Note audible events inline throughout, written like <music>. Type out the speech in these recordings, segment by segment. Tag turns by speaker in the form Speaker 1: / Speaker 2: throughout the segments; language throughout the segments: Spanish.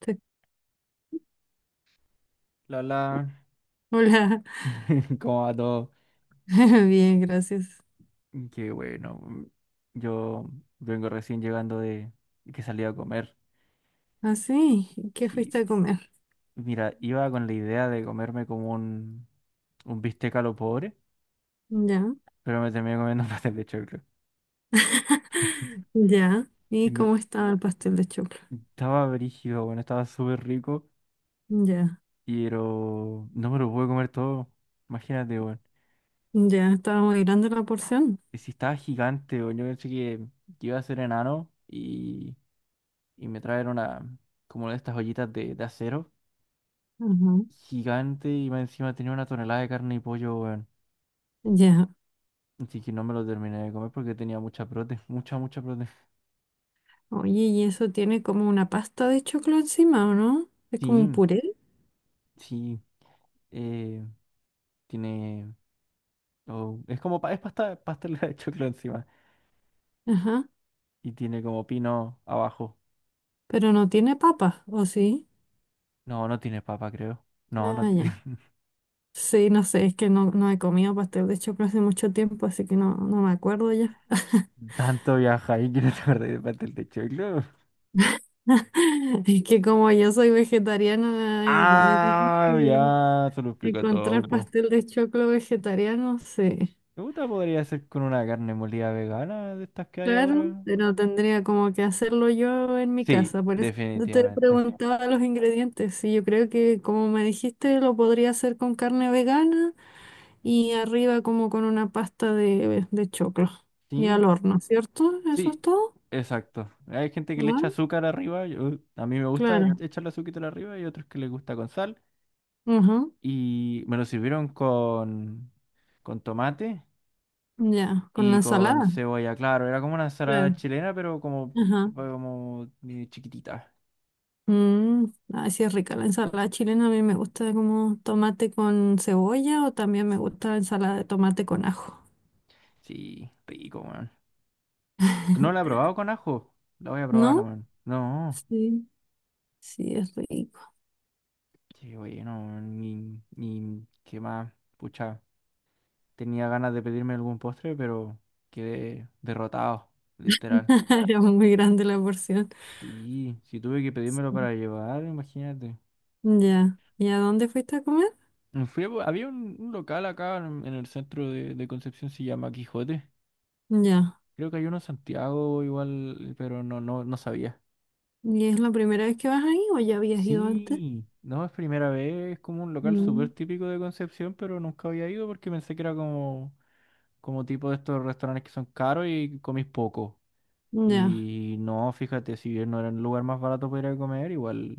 Speaker 1: Te-
Speaker 2: Lola,
Speaker 1: Hola,
Speaker 2: <laughs> ¿cómo va todo?
Speaker 1: <laughs> bien, gracias.
Speaker 2: Qué bueno, yo vengo recién llegando de que salí a comer.
Speaker 1: Ah, sí, ¿qué fuiste
Speaker 2: Sí,
Speaker 1: a comer?
Speaker 2: mira, iba con la idea de comerme como un bistec a lo pobre,
Speaker 1: Ya,
Speaker 2: pero me terminé comiendo <laughs> un pastel de choclo.
Speaker 1: <laughs> ya.
Speaker 2: Y
Speaker 1: ¿Y
Speaker 2: no-
Speaker 1: cómo estaba el pastel de choclo?
Speaker 2: Estaba brígido, bueno, estaba súper rico,
Speaker 1: Ya,
Speaker 2: pero no me lo pude comer todo. Imagínate, bueno.
Speaker 1: ya, estaba muy grande la porción.
Speaker 2: Y si estaba gigante, bueno, yo pensé que iba a ser enano y me traer una, como una de estas ollitas de acero.
Speaker 1: Ajá,
Speaker 2: Gigante, y más encima tenía una tonelada de carne y pollo, weón.
Speaker 1: ya.
Speaker 2: Así que no me lo terminé de comer porque tenía mucha prote, <laughs> mucha, mucha prote.
Speaker 1: Oye, y eso tiene como una pasta de choclo encima, ¿o no? Es como un
Speaker 2: Sí,
Speaker 1: puré.
Speaker 2: sí, eh, tiene... Oh, es como, es pasta, pastelera de choclo encima
Speaker 1: Ajá,
Speaker 2: y tiene como pino abajo.
Speaker 1: pero no tiene papa, ¿o sí?
Speaker 2: No, no tiene papa, creo. No, no
Speaker 1: Ah, ya.
Speaker 2: tiene... <laughs>
Speaker 1: Sí, no sé, es que no he comido pastel de choclo hace mucho tiempo, así que no me acuerdo ya.
Speaker 2: Tanto viaja ahí que no te acordás de pastel de choclo.
Speaker 1: <laughs> Es que como yo soy vegetariana, igual es
Speaker 2: Ah,
Speaker 1: difícil
Speaker 2: ya, se lo explico todo,
Speaker 1: encontrar
Speaker 2: po.
Speaker 1: pastel de choclo vegetariano, sí.
Speaker 2: Me podría ser con una carne molida vegana de estas que hay
Speaker 1: Claro,
Speaker 2: ahora.
Speaker 1: pero tendría como que hacerlo yo en mi
Speaker 2: Sí,
Speaker 1: casa. Por eso te
Speaker 2: definitivamente.
Speaker 1: preguntaba los ingredientes. Y yo creo que, como me dijiste, lo podría hacer con carne vegana y arriba como con una pasta de choclo y
Speaker 2: Sí,
Speaker 1: al horno, ¿cierto? ¿Eso es
Speaker 2: sí,
Speaker 1: todo?
Speaker 2: exacto. Hay gente que le
Speaker 1: ¿Verdad?
Speaker 2: echa azúcar arriba, a mí me gusta
Speaker 1: Claro.
Speaker 2: echarle azúcar arriba, y otros que les gusta con sal.
Speaker 1: Ujú.
Speaker 2: Y me lo sirvieron con tomate
Speaker 1: Ya, con la
Speaker 2: y con
Speaker 1: ensalada.
Speaker 2: cebolla, claro. Era como una ensalada
Speaker 1: Claro.
Speaker 2: chilena, pero como,
Speaker 1: Ajá.
Speaker 2: como chiquitita.
Speaker 1: Mm, ah, sí es rica la ensalada chilena. A mí me gusta como tomate con cebolla o también me gusta la ensalada de tomate con ajo.
Speaker 2: Sí, rico, weón. No la he probado con ajo, la voy a probar,
Speaker 1: ¿No?
Speaker 2: weón. No,
Speaker 1: Sí, sí es rico.
Speaker 2: sí, oye, no, ni, ni, qué más, pucha. Tenía ganas de pedirme algún postre, pero quedé derrotado, literal.
Speaker 1: <laughs> Era muy grande la porción.
Speaker 2: Sí, sí tuve que pedírmelo
Speaker 1: Sí.
Speaker 2: para llevar, imagínate.
Speaker 1: Ya. ¿Y a dónde fuiste a comer?
Speaker 2: Había un local acá en el centro de Concepción, se llama Quijote.
Speaker 1: Ya.
Speaker 2: Creo que hay uno en Santiago igual, pero no sabía.
Speaker 1: ¿Y es la primera vez que vas ahí o ya habías ido antes?
Speaker 2: Sí, no es primera vez, es como un local súper
Speaker 1: Mm,
Speaker 2: típico de Concepción, pero nunca había ido porque pensé que era como, como tipo de estos restaurantes que son caros y comís poco.
Speaker 1: ya.
Speaker 2: Y no, fíjate, si bien no era el lugar más barato para ir a comer, igual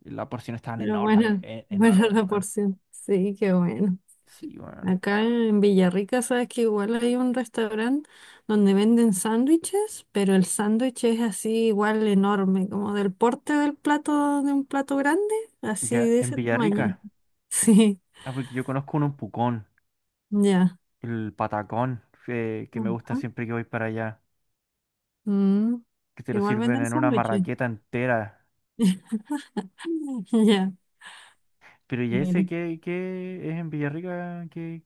Speaker 2: la porción estaba
Speaker 1: Pero bueno, <laughs> buena
Speaker 2: enorme,
Speaker 1: la
Speaker 2: weón.
Speaker 1: porción. Sí, qué bueno.
Speaker 2: Sí, weón.
Speaker 1: Acá en Villarrica, sabes que igual hay un restaurante donde venden sándwiches, pero el sándwich es así igual enorme, como del porte del plato, de un plato grande, así
Speaker 2: Ya,
Speaker 1: de
Speaker 2: en
Speaker 1: ese tamaño.
Speaker 2: Villarrica,
Speaker 1: <laughs> Sí,
Speaker 2: ah, porque yo conozco un Pucón,
Speaker 1: ya.
Speaker 2: el patacón, que me gusta
Speaker 1: Ajá.
Speaker 2: siempre que voy para allá,
Speaker 1: Mm,
Speaker 2: que te lo
Speaker 1: igual
Speaker 2: sirven
Speaker 1: venden
Speaker 2: en una
Speaker 1: sándwiches.
Speaker 2: marraqueta entera.
Speaker 1: <laughs> Ya,
Speaker 2: Pero ya
Speaker 1: mira.
Speaker 2: ese, ¿qué, qué es en Villarrica? ¿Qué,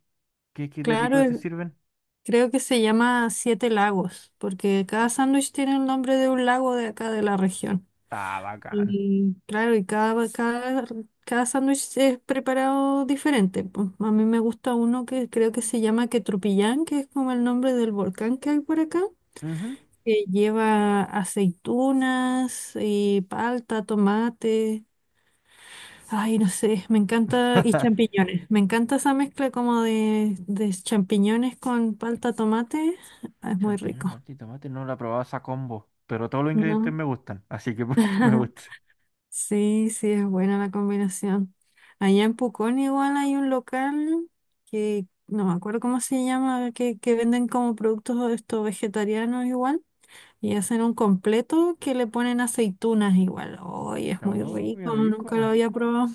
Speaker 2: qué, Qué de
Speaker 1: Claro,
Speaker 2: rico te
Speaker 1: el-
Speaker 2: sirven?
Speaker 1: creo que se llama Siete Lagos, porque cada sándwich tiene el nombre de un lago de acá de la región.
Speaker 2: Ah, bacán.
Speaker 1: Y claro, y cada sándwich es preparado diferente. Po. A mí me gusta uno que creo que se llama Quetrupillán, que es como el nombre del volcán que hay por acá,
Speaker 2: Ujú.
Speaker 1: que lleva aceitunas y palta, tomate, ay, no sé, me encanta, y
Speaker 2: <laughs>
Speaker 1: champiñones. Me encanta esa mezcla como de champiñones con palta, tomate. Ah, es muy
Speaker 2: Champiñones,
Speaker 1: rico,
Speaker 2: palta y tomate, no la probaba esa combo, pero todos los ingredientes
Speaker 1: ¿no?
Speaker 2: me gustan, así que <laughs> pues que me
Speaker 1: <laughs>
Speaker 2: gusta.
Speaker 1: Sí, sí, es buena la combinación. Allá en Pucón igual hay un local que no me acuerdo cómo se llama, que venden como productos estos vegetarianos igual y hacen un completo que le ponen aceitunas igual. Hoy es muy
Speaker 2: Oh, qué
Speaker 1: rico, nunca lo
Speaker 2: rico.
Speaker 1: había probado.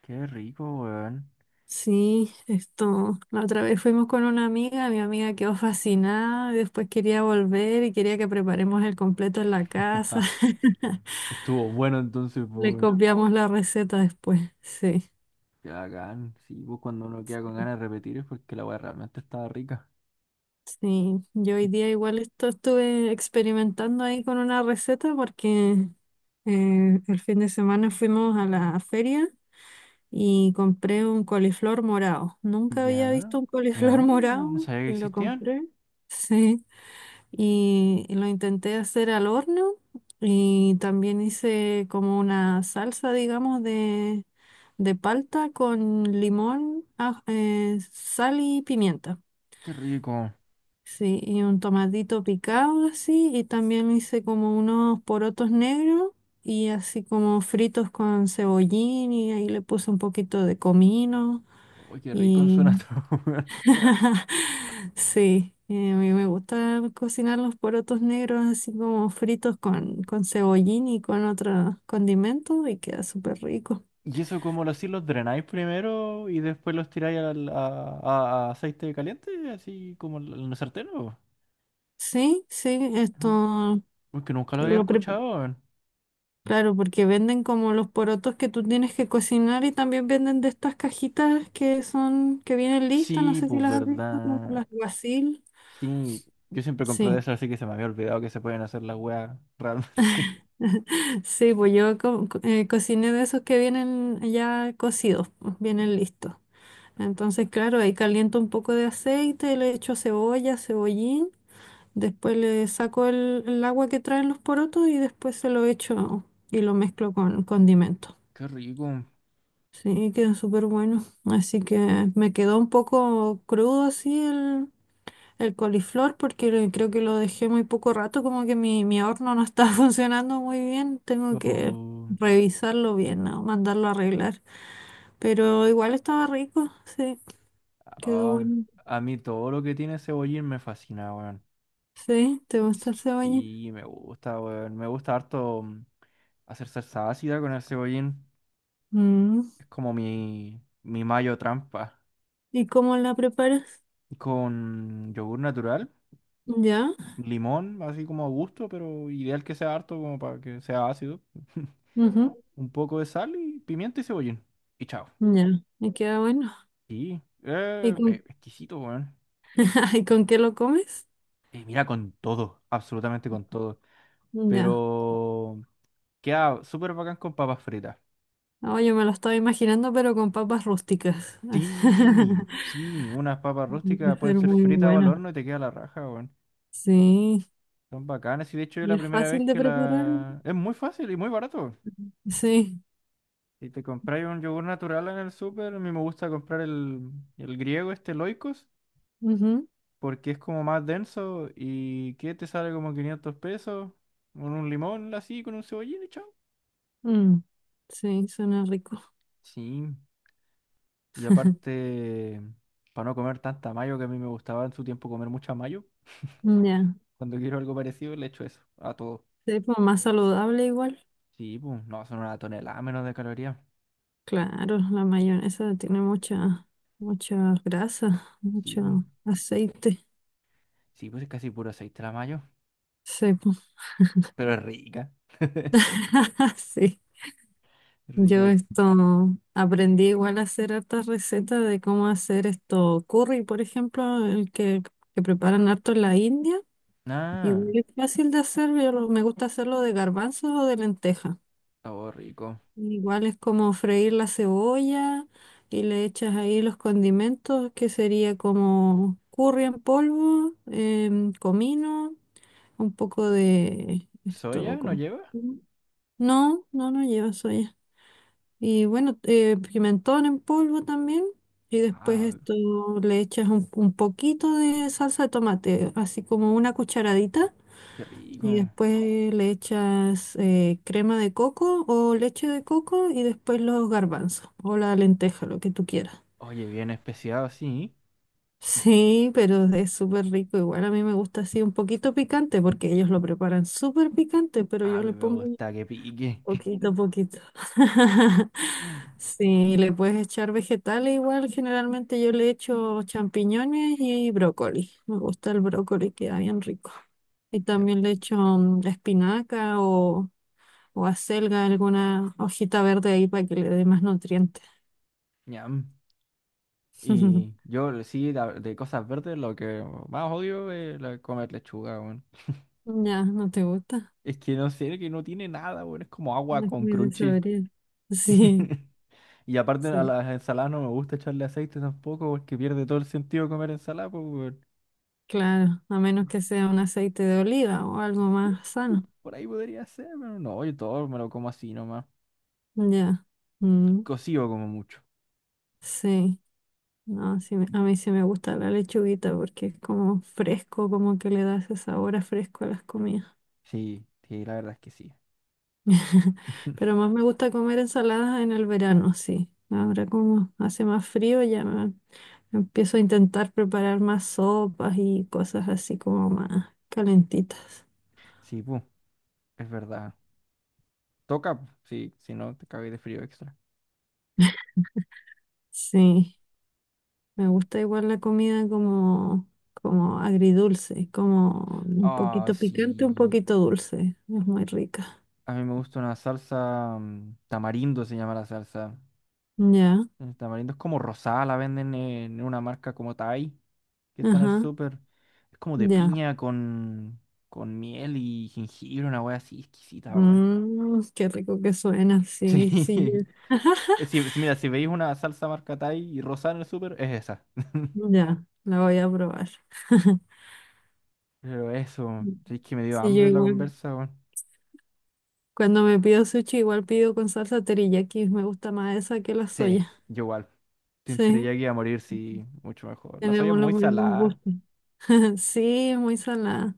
Speaker 2: Qué rico, weón.
Speaker 1: Sí, esto, la otra vez fuimos con una amiga, mi amiga quedó fascinada y después quería volver y quería que preparemos el completo en la casa. <laughs>
Speaker 2: Estuvo bueno entonces,
Speaker 1: Le
Speaker 2: por...
Speaker 1: copiamos la receta después, sí.
Speaker 2: Qué bacán. Sí, pues cuando uno queda con ganas de repetir es porque la weá realmente estaba rica.
Speaker 1: Sí, yo hoy día igual esto estuve experimentando ahí con una receta porque el fin de semana fuimos a la feria y compré un coliflor morado. Nunca había
Speaker 2: Ya.
Speaker 1: visto un coliflor <laughs>
Speaker 2: No,
Speaker 1: morado
Speaker 2: no sabía que
Speaker 1: y lo
Speaker 2: existían.
Speaker 1: compré. Sí, y lo intenté hacer al horno y también hice como una salsa, digamos, de palta con limón, sal y pimienta.
Speaker 2: Qué rico.
Speaker 1: Sí, y un tomatito picado así, y también hice como unos porotos negros y así como fritos con cebollín y ahí le puse un poquito de comino
Speaker 2: Uy, qué rico
Speaker 1: y
Speaker 2: suena todo, <laughs> weón.
Speaker 1: <laughs> sí, a mí me gusta cocinar los porotos negros así como fritos con cebollín y con otros condimentos y queda súper rico.
Speaker 2: ¿Y eso cómo lo hacéis? ¿Los drenáis primero y después los tiráis a aceite caliente? Así como en el sartén, ¿o?
Speaker 1: Sí,
Speaker 2: Mm,
Speaker 1: esto
Speaker 2: porque nunca lo había
Speaker 1: lo preparé.
Speaker 2: escuchado, weón.
Speaker 1: Claro, porque venden como los porotos que tú tienes que cocinar y también venden de estas cajitas que son, que vienen listas, no
Speaker 2: Sí,
Speaker 1: sé si
Speaker 2: pues
Speaker 1: las has visto, como
Speaker 2: verdad.
Speaker 1: las guasil.
Speaker 2: Sí, yo siempre compro
Speaker 1: Sí,
Speaker 2: de eso, así que se me había olvidado que se pueden hacer las weas realmente.
Speaker 1: sí, pues yo cociné de esos que vienen ya cocidos, pues, vienen listos. Entonces, claro, ahí caliento un poco de aceite, le echo cebolla, cebollín, después le saco el agua que traen los porotos y después se lo echo y lo mezclo con condimentos.
Speaker 2: <laughs> Qué rico.
Speaker 1: Sí, quedó súper bueno. Así que me quedó un poco crudo así el coliflor porque lo- creo que lo dejé muy poco rato, como que mi horno no está <laughs> funcionando muy bien. Tengo que
Speaker 2: Oh,
Speaker 1: revisarlo bien, ¿no? Mandarlo a arreglar. Pero igual estaba rico, sí, quedó
Speaker 2: ah,
Speaker 1: bueno.
Speaker 2: a mí todo lo que tiene cebollín me fascina, weón.
Speaker 1: Sí, ¿te gusta el cebolla?
Speaker 2: Sí, me gusta, weón. Me gusta harto hacer salsa ácida con el cebollín.
Speaker 1: Mm.
Speaker 2: Es como mi mayo trampa.
Speaker 1: ¿Y cómo la preparas?
Speaker 2: Con yogur natural,
Speaker 1: ¿Ya?
Speaker 2: limón, así como a gusto, pero ideal que sea harto como para que sea ácido.
Speaker 1: Ujú,
Speaker 2: <laughs> Un poco de sal y pimienta y cebollín. Y chao.
Speaker 1: ya, me queda bueno.
Speaker 2: Sí,
Speaker 1: ¿Y con,
Speaker 2: exquisito, weón.
Speaker 1: <laughs> ¿y con qué lo comes?
Speaker 2: Mira, con todo, absolutamente con todo.
Speaker 1: Ya.
Speaker 2: Pero queda súper bacán con papas fritas.
Speaker 1: No, yo me lo estaba imaginando, pero con papas rústicas.
Speaker 2: Sí,
Speaker 1: <laughs>
Speaker 2: sí, unas papas rústicas
Speaker 1: Debe ser
Speaker 2: pueden ser
Speaker 1: muy
Speaker 2: fritas o al
Speaker 1: bueno.
Speaker 2: horno y te queda la raja, weón.
Speaker 1: Sí.
Speaker 2: Son bacanas, y de hecho es
Speaker 1: ¿Y
Speaker 2: la
Speaker 1: es
Speaker 2: primera vez
Speaker 1: fácil de
Speaker 2: que
Speaker 1: preparar?
Speaker 2: la... Es muy fácil y muy barato.
Speaker 1: Sí.
Speaker 2: Si te compras un yogur natural en el súper, a mí me gusta comprar el griego, este Loikos,
Speaker 1: Ujú,
Speaker 2: porque es como más denso y que te sale como 500 pesos, con un limón así, con un cebollín y chao.
Speaker 1: mm, sí, suena rico.
Speaker 2: Sí, y aparte, para no comer tanta mayo, que a mí me gustaba en su tiempo comer mucha mayo,
Speaker 1: Ya.
Speaker 2: cuando quiero algo parecido le echo eso a todo.
Speaker 1: Sí, pues más saludable igual.
Speaker 2: Sí, pues, no, son una tonelada menos de calorías.
Speaker 1: Claro, la mayonesa tiene mucha, mucha grasa,
Speaker 2: Sí, pues,
Speaker 1: mucho aceite.
Speaker 2: sí, pues es casi puro aceite la mayo,
Speaker 1: Sí, pues.
Speaker 2: pero es rica,
Speaker 1: <laughs> Sí.
Speaker 2: es
Speaker 1: Yo
Speaker 2: rica.
Speaker 1: esto aprendí igual a hacer hartas recetas de cómo hacer esto curry, por ejemplo, el que preparan harto en la India.
Speaker 2: Ah,
Speaker 1: Igual es fácil de hacer, yo lo- me gusta hacerlo de garbanzos o de lenteja.
Speaker 2: sabor rico.
Speaker 1: Igual es como freír la cebolla y le echas ahí los condimentos, que sería como curry en polvo, comino, un poco de
Speaker 2: ¿Soya
Speaker 1: esto,
Speaker 2: no
Speaker 1: como...
Speaker 2: lleva?
Speaker 1: No, no, no lleva soya. Y bueno, pimentón en polvo también. Y después
Speaker 2: Ah,
Speaker 1: esto le echas un poquito de salsa de tomate, así como una cucharadita.
Speaker 2: qué rico.
Speaker 1: Y después le echas crema de coco o leche de coco y después los garbanzos o la lenteja, lo que tú quieras.
Speaker 2: Oye, bien especiado, sí.
Speaker 1: Sí, pero es súper rico. Igual a mí me gusta así un poquito picante porque ellos lo preparan súper picante, pero
Speaker 2: A
Speaker 1: yo le
Speaker 2: mí me
Speaker 1: pongo
Speaker 2: gusta que pique. <laughs>
Speaker 1: poquito a poquito. <laughs> Sí, le puedes echar vegetales igual. Generalmente yo le echo champiñones y brócoli. Me gusta el brócoli, queda bien rico. Y
Speaker 2: Qué
Speaker 1: también le
Speaker 2: rico.
Speaker 1: echo espinaca o acelga, alguna hojita verde ahí para que le dé más nutrientes.
Speaker 2: Ñam.
Speaker 1: <laughs>
Speaker 2: Y yo sí, de cosas verdes, lo que más odio es comer lechuga, weón.
Speaker 1: Ya, ¿no te gusta?
Speaker 2: Es que no sé, que no tiene nada, weón. Es como
Speaker 1: No
Speaker 2: agua
Speaker 1: es
Speaker 2: con
Speaker 1: muy de
Speaker 2: crunchy.
Speaker 1: saborear. <laughs> Sí,
Speaker 2: <laughs> Y aparte a
Speaker 1: sí,
Speaker 2: las ensaladas no me gusta echarle aceite tampoco, porque pierde todo el sentido comer ensalada, pues, weón.
Speaker 1: claro. A menos que sea un aceite de oliva o algo más sano.
Speaker 2: Por ahí podría ser, pero no, yo todo me lo como así nomás.
Speaker 1: Ya. Mm,
Speaker 2: Cocido como mucho.
Speaker 1: sí. No, sí me- a mí sí me gusta la lechuguita porque es como fresco, como que le da ese sabor a fresco a las comidas.
Speaker 2: Sí, sí, la verdad es que sí.
Speaker 1: <laughs> Pero
Speaker 2: <laughs>
Speaker 1: más me gusta comer ensaladas en el verano, sí. Ahora como hace más frío ya me- empiezo a intentar preparar más sopas y cosas así como más calentitas.
Speaker 2: Sí, pu, es verdad. Toca, pu, sí, si no te cagué de frío extra.
Speaker 1: Sí, me gusta igual la comida como, como agridulce, como un
Speaker 2: Ah,
Speaker 1: poquito picante, un
Speaker 2: sí.
Speaker 1: poquito dulce. Es muy rica.
Speaker 2: A mí me gusta una salsa tamarindo, se llama la salsa.
Speaker 1: Ya,
Speaker 2: El tamarindo es como rosada, la venden en una marca como Thai, que está en el
Speaker 1: ajá,
Speaker 2: súper. Es como de
Speaker 1: ya.
Speaker 2: piña con miel y jengibre, una wea así exquisita, weón. <laughs>
Speaker 1: Mm, qué rico que suena, sí, sí. yo-
Speaker 2: Sí.
Speaker 1: <laughs>
Speaker 2: Mira, si veis una salsa marca Thai y rosada en el súper, es esa.
Speaker 1: Ya, la voy a probar. <laughs>
Speaker 2: Pero eso, sí es que me dio
Speaker 1: Sí, yo
Speaker 2: hambre la
Speaker 1: igual.
Speaker 2: conversa, weón.
Speaker 1: Cuando me pido sushi, igual pido con salsa teriyaki. Me gusta más esa que la
Speaker 2: Sí,
Speaker 1: soya.
Speaker 2: yo igual. Siempre
Speaker 1: Sí,
Speaker 2: ya que iba a morir, sí, mucho mejor. La soya es
Speaker 1: tenemos los
Speaker 2: muy
Speaker 1: mismos
Speaker 2: salada.
Speaker 1: gustos. <laughs> Sí, muy salada.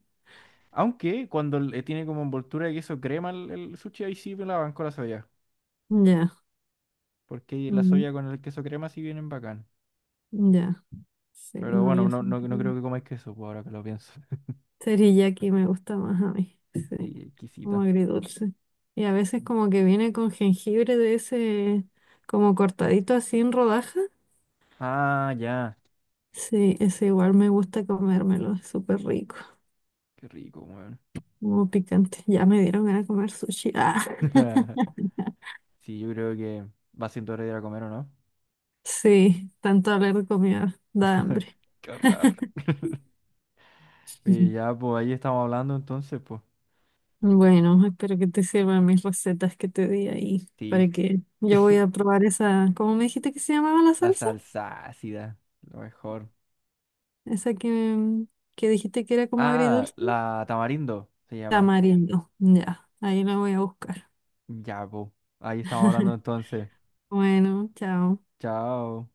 Speaker 2: Aunque cuando le tiene como envoltura de queso crema el sushi, ahí sí me la banco la soya.
Speaker 1: Ya,
Speaker 2: Porque la
Speaker 1: mm,
Speaker 2: soya con el queso crema sí vienen bacán.
Speaker 1: ya. Sí,
Speaker 2: Pero
Speaker 1: no,
Speaker 2: bueno,
Speaker 1: yo
Speaker 2: no, no, no creo
Speaker 1: sí.
Speaker 2: que comáis queso, pues, ahora que lo pienso. <laughs>
Speaker 1: Teriyaki me gusta más a mí,
Speaker 2: Sí,
Speaker 1: sí, como
Speaker 2: exquisito.
Speaker 1: agridulce. Y a veces como que viene con jengibre de ese, como cortadito así en rodaja.
Speaker 2: Ah, ya.
Speaker 1: Sí, ese igual me gusta comérmelo, es súper rico,
Speaker 2: Qué rico, weón.
Speaker 1: como picante. Ya me dieron ganas de comer sushi. Ah.
Speaker 2: <laughs>
Speaker 1: <laughs>
Speaker 2: Sí, yo creo que va siendo hora de ir a comer, ¿o no?
Speaker 1: Sí, tanto hablar de comida da
Speaker 2: <laughs>
Speaker 1: hambre.
Speaker 2: Qué horror. <laughs> Y
Speaker 1: Ujú.
Speaker 2: ya, pues ahí estamos hablando entonces, pues.
Speaker 1: Bueno, espero que te sirvan mis recetas que te di ahí,
Speaker 2: Sí.
Speaker 1: para que yo voy a
Speaker 2: <laughs>
Speaker 1: probar esa, ¿cómo me dijiste que se llamaba la
Speaker 2: La
Speaker 1: salsa?
Speaker 2: salsa ácida, lo mejor.
Speaker 1: Esa que dijiste que era como
Speaker 2: Ah,
Speaker 1: agridulce.
Speaker 2: la tamarindo se llama.
Speaker 1: Tamarindo. Ya, ahí la voy a buscar.
Speaker 2: Ya, pues. Ahí estamos hablando entonces.
Speaker 1: Bueno, chao.
Speaker 2: Chao.